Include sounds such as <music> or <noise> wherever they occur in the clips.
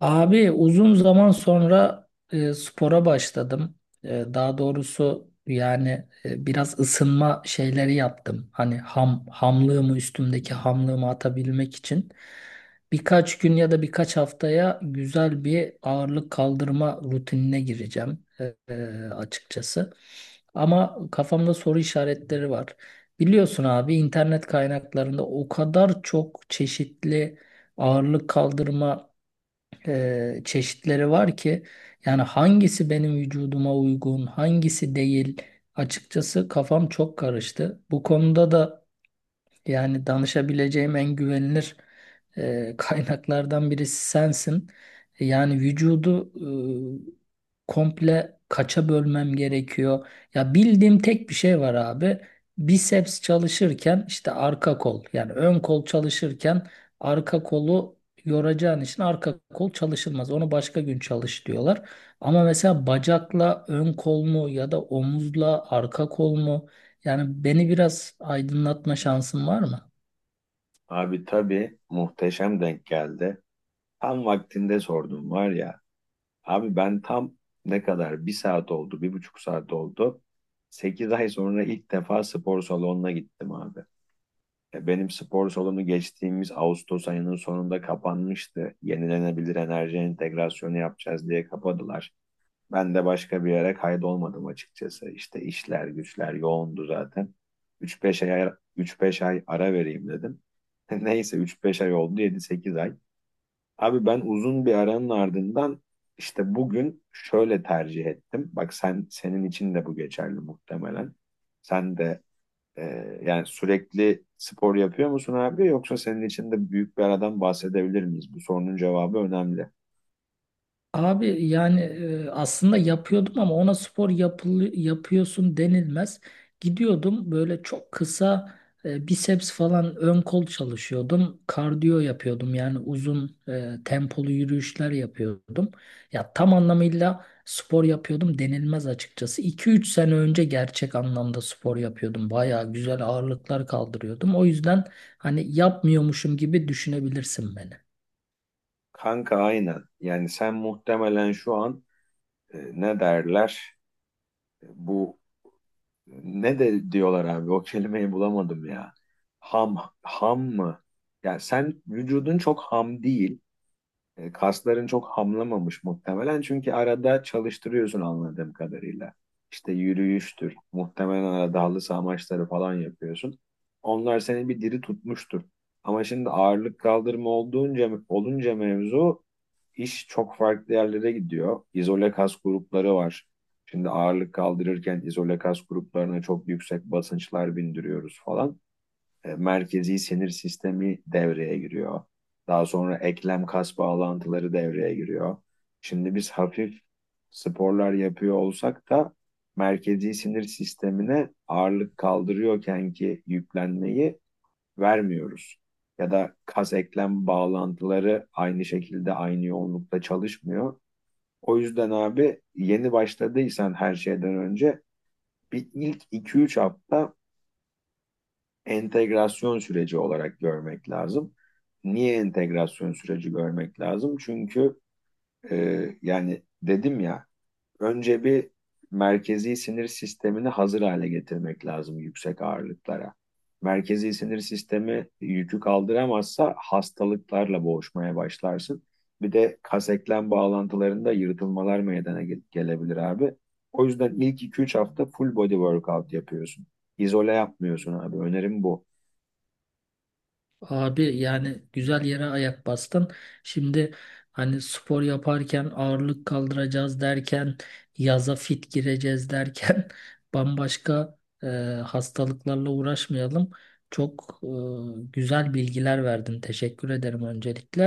Abi uzun zaman sonra spora başladım. Daha doğrusu yani biraz ısınma şeyleri yaptım. Hani ham hamlığımı üstümdeki hamlığımı atabilmek için birkaç gün ya da birkaç haftaya güzel bir ağırlık kaldırma rutinine gireceğim, açıkçası. Ama kafamda soru işaretleri var. Biliyorsun abi, internet kaynaklarında o kadar çok çeşitli ağırlık kaldırma çeşitleri var ki yani hangisi benim vücuduma uygun, hangisi değil, açıkçası kafam çok karıştı. Bu konuda da yani danışabileceğim en güvenilir <laughs> kaynaklardan birisi sensin. Yani vücudu komple kaça bölmem gerekiyor? Ya bildiğim tek bir şey var abi. Biceps çalışırken işte arka kol, yani ön kol çalışırken arka kolu yoracağın için arka kol çalışılmaz. Onu başka gün çalış diyorlar. Ama mesela bacakla ön kol mu ya da omuzla arka kol mu? Yani beni biraz aydınlatma şansın var mı? Abi, tabii, muhteşem denk geldi. Tam vaktinde sordum var ya. Abi ben tam ne kadar, bir saat oldu, 1,5 saat oldu. 8 ay sonra ilk defa spor salonuna gittim abi. Benim spor salonu geçtiğimiz Ağustos ayının sonunda kapanmıştı. Yenilenebilir enerji entegrasyonu yapacağız diye kapadılar. Ben de başka bir yere kaydolmadım açıkçası. İşte işler güçler yoğundu zaten. üç beş ay, Üç beş ay ara vereyim dedim. <laughs> Neyse, üç beş ay oldu yedi sekiz ay. Abi ben uzun bir aranın ardından işte bugün şöyle tercih ettim. Bak sen, senin için de bu geçerli muhtemelen. Sen de e, yani sürekli spor yapıyor musun abi, yoksa senin için de büyük bir aradan bahsedebilir miyiz? Bu sorunun cevabı önemli. Abi yani aslında yapıyordum ama ona yapıyorsun denilmez. Gidiyordum böyle çok kısa, biceps falan, ön kol çalışıyordum. Kardiyo yapıyordum, yani uzun tempolu yürüyüşler yapıyordum. Ya tam anlamıyla spor yapıyordum denilmez açıkçası. 2-3 sene önce gerçek anlamda spor yapıyordum. Baya güzel ağırlıklar kaldırıyordum. O yüzden hani yapmıyormuşum gibi düşünebilirsin beni. Kanka aynen. Yani sen muhtemelen şu an ne derler, bu ne de diyorlar abi, o kelimeyi bulamadım ya. Ham ham mı? Yani sen vücudun çok ham değil, kasların çok hamlamamış muhtemelen, çünkü arada çalıştırıyorsun anladığım kadarıyla. İşte yürüyüştür, muhtemelen arada halı saha maçları falan yapıyorsun. Onlar seni bir diri tutmuştur. Ama şimdi ağırlık kaldırma olduğunca, olunca mevzu, iş çok farklı yerlere gidiyor. İzole kas grupları var. Şimdi ağırlık kaldırırken izole kas gruplarına çok yüksek basınçlar bindiriyoruz falan, merkezi sinir sistemi devreye giriyor. Daha sonra eklem kas bağlantıları devreye giriyor. Şimdi biz hafif sporlar yapıyor olsak da merkezi sinir sistemine ağırlık kaldırıyorken ki yüklenmeyi vermiyoruz. Ya da kas eklem bağlantıları aynı şekilde, aynı yoğunlukta çalışmıyor. O yüzden abi, yeni başladıysan her şeyden önce bir ilk iki üç hafta entegrasyon süreci olarak görmek lazım. Niye entegrasyon süreci görmek lazım? Çünkü yani dedim ya, önce bir merkezi sinir sistemini hazır hale getirmek lazım yüksek ağırlıklara. Merkezi sinir sistemi yükü kaldıramazsa hastalıklarla boğuşmaya başlarsın. Bir de kas eklem bağlantılarında yırtılmalar meydana gelebilir abi. O yüzden ilk iki üç hafta full body workout yapıyorsun. İzole yapmıyorsun abi. Önerim bu. Abi yani güzel yere ayak bastın. Şimdi hani spor yaparken ağırlık kaldıracağız derken, yaza fit gireceğiz derken <laughs> bambaşka e, hastalıklarla uğraşmayalım. Çok güzel bilgiler verdin. Teşekkür ederim öncelikle.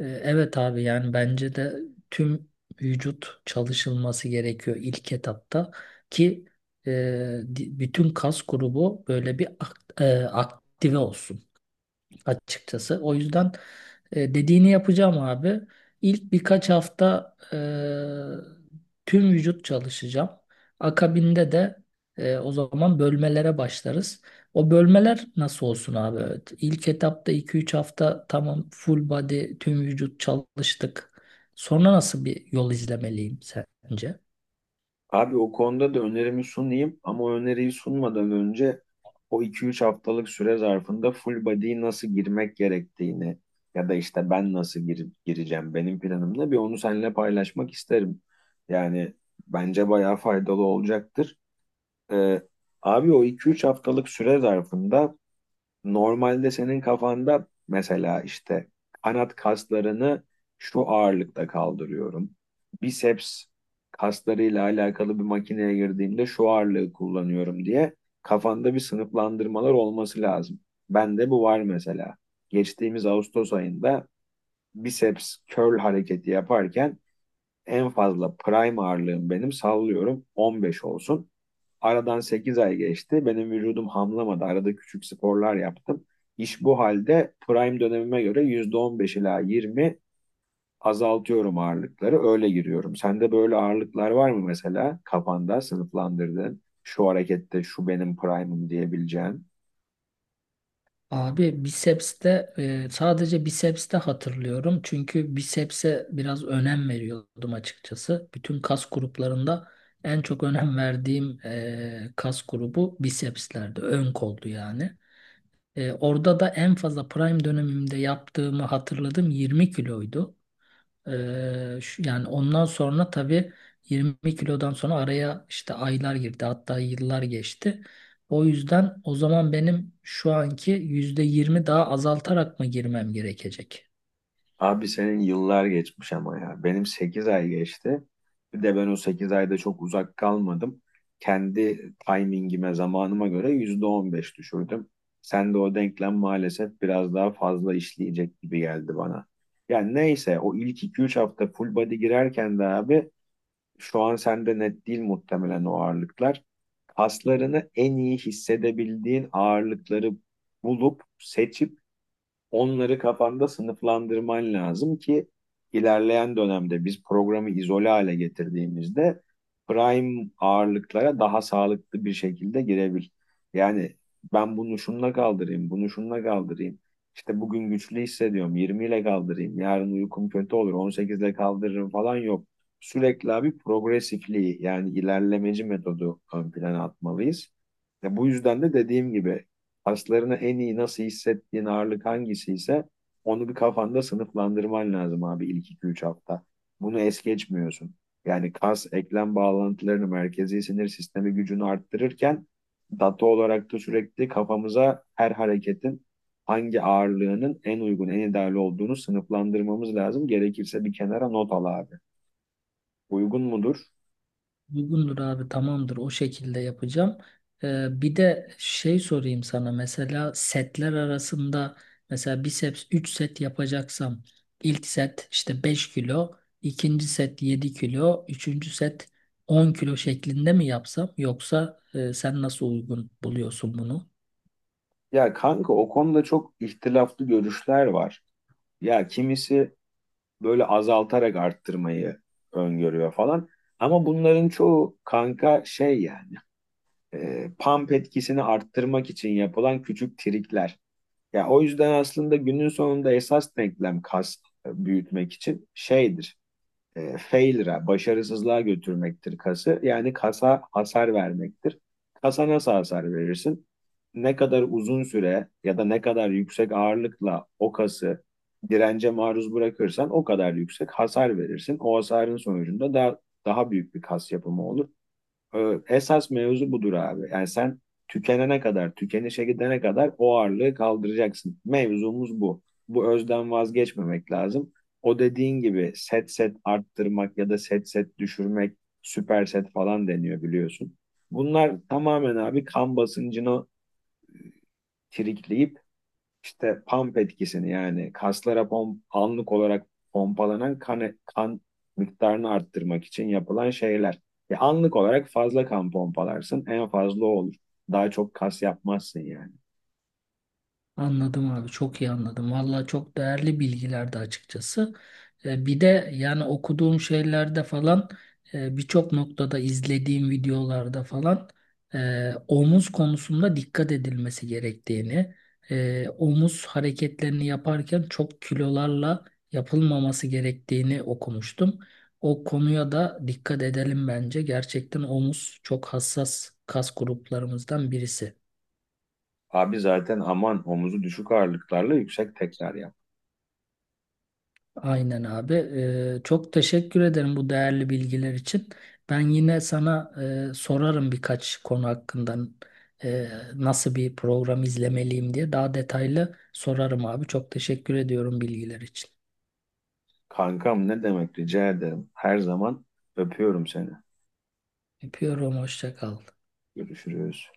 Evet abi, yani bence de tüm vücut çalışılması gerekiyor ilk etapta, ki bütün kas grubu böyle bir aktive olsun açıkçası. O yüzden dediğini yapacağım abi. İlk birkaç hafta tüm vücut çalışacağım. Akabinde de o zaman bölmelere başlarız. O bölmeler nasıl olsun abi? Evet. İlk etapta 2-3 hafta tamam, full body, tüm vücut çalıştık. Sonra nasıl bir yol izlemeliyim sence? Abi, o konuda da önerimi sunayım, ama o öneriyi sunmadan önce o iki üç haftalık süre zarfında full body'ye nasıl girmek gerektiğini, ya da işte ben nasıl gireceğim, benim planımla bir onu seninle paylaşmak isterim. Yani bence bayağı faydalı olacaktır. Ee, Abi, o iki üç haftalık süre zarfında normalde senin kafanda mesela işte kanat kaslarını şu ağırlıkta kaldırıyorum, biceps kaslarıyla alakalı bir makineye girdiğimde şu ağırlığı kullanıyorum diye kafanda bir sınıflandırmalar olması lazım. Bende bu var mesela. Geçtiğimiz Ağustos ayında biceps curl hareketi yaparken en fazla prime ağırlığım, benim sallıyorum, 15 olsun. Aradan 8 ay geçti. Benim vücudum hamlamadı. Arada küçük sporlar yaptım. İş bu halde prime dönemime göre %15 ila 20 azaltıyorum ağırlıkları. Öyle giriyorum. Sende böyle ağırlıklar var mı mesela, kafanda sınıflandırdığın? Şu harekette şu benim prime'ım diyebileceğin. Abi bisepste, sadece bisepste hatırlıyorum. Çünkü biceps'e biraz önem veriyordum açıkçası. Bütün kas gruplarında en çok önem verdiğim kas grubu bicepslerdi. Ön koldu yani. Orada da en fazla prime dönemimde yaptığımı hatırladım 20 kiloydu. Yani ondan sonra tabii 20 kilodan sonra araya işte aylar girdi, hatta yıllar geçti. O yüzden o zaman benim şu anki %20 daha azaltarak mı girmem gerekecek? Abi senin yıllar geçmiş ama ya. Benim 8 ay geçti. Bir de ben o 8 ayda çok uzak kalmadım. Kendi timingime, zamanıma göre %15 düşürdüm. Sen de o denklem maalesef biraz daha fazla işleyecek gibi geldi bana. Yani neyse, o ilk iki üç hafta full body girerken de abi, şu an sende net değil muhtemelen o ağırlıklar. Kaslarını en iyi hissedebildiğin ağırlıkları bulup, seçip onları kafanda sınıflandırman lazım ki ilerleyen dönemde biz programı izole hale getirdiğimizde prime ağırlıklara daha sağlıklı bir şekilde girebil. Yani ben bunu şununla kaldırayım, bunu şununla kaldırayım. İşte bugün güçlü hissediyorum, 20 ile kaldırayım. Yarın uykum kötü olur, 18 ile kaldırırım falan yok. Sürekli abi progresifliği, yani ilerlemeci metodu ön plana atmalıyız. Ya bu yüzden de dediğim gibi kaslarını en iyi nasıl hissettiğin ağırlık hangisi ise onu bir kafanda sınıflandırman lazım abi, ilk 2-3 hafta. Bunu es geçmiyorsun. Yani kas, eklem bağlantılarını, merkezi sinir sistemi gücünü arttırırken data olarak da sürekli kafamıza her hareketin hangi ağırlığının en uygun, en ideal olduğunu sınıflandırmamız lazım. Gerekirse bir kenara not al abi. Uygun mudur? Uygundur abi, tamamdır, o şekilde yapacağım. Bir de şey sorayım sana, mesela setler arasında, mesela biceps 3 set yapacaksam ilk set işte 5 kilo, ikinci set 7 kilo, üçüncü set 10 kilo şeklinde mi yapsam, yoksa sen nasıl uygun buluyorsun bunu? Ya kanka, o konuda çok ihtilaflı görüşler var. Ya kimisi böyle azaltarak arttırmayı öngörüyor falan. Ama bunların çoğu kanka şey yani, pump etkisini arttırmak için yapılan küçük trikler. Ya o yüzden aslında günün sonunda esas denklem kas, büyütmek için şeydir, failure'a, başarısızlığa götürmektir kası. Yani kasa hasar vermektir. Kasa nasıl hasar verirsin? Ne kadar uzun süre ya da ne kadar yüksek ağırlıkla o kası dirence maruz bırakırsan o kadar yüksek hasar verirsin. O hasarın sonucunda daha büyük bir kas yapımı olur. Esas mevzu budur abi. Yani sen tükenene kadar, tükenişe gidene kadar o ağırlığı kaldıracaksın. Mevzumuz bu. Bu özden vazgeçmemek lazım. O dediğin gibi set set arttırmak ya da set set düşürmek, süper set falan deniyor, biliyorsun. Bunlar tamamen abi kan basıncını trikleyip işte pump etkisini, yani kaslara anlık olarak pompalanan kan miktarını arttırmak için yapılan şeyler. Anlık olarak fazla kan pompalarsın, en fazla o olur. Daha çok kas yapmazsın yani. Anladım abi, çok iyi anladım. Valla çok değerli bilgilerdi açıkçası. Bir de yani okuduğum şeylerde falan, birçok noktada izlediğim videolarda falan, omuz konusunda dikkat edilmesi gerektiğini, omuz hareketlerini yaparken çok kilolarla yapılmaması gerektiğini okumuştum. O konuya da dikkat edelim bence. Gerçekten omuz çok hassas kas gruplarımızdan birisi. Abi zaten aman, omuzu düşük ağırlıklarla yüksek tekrar yap. Aynen abi. Çok teşekkür ederim bu değerli bilgiler için. Ben yine sana sorarım birkaç konu hakkında, e, nasıl bir program izlemeliyim diye daha detaylı sorarım abi. Çok teşekkür ediyorum bilgiler için. Kankam ne demek, rica ederim. Her zaman. Öpüyorum seni. Öpüyorum. Hoşça kal. Görüşürüz.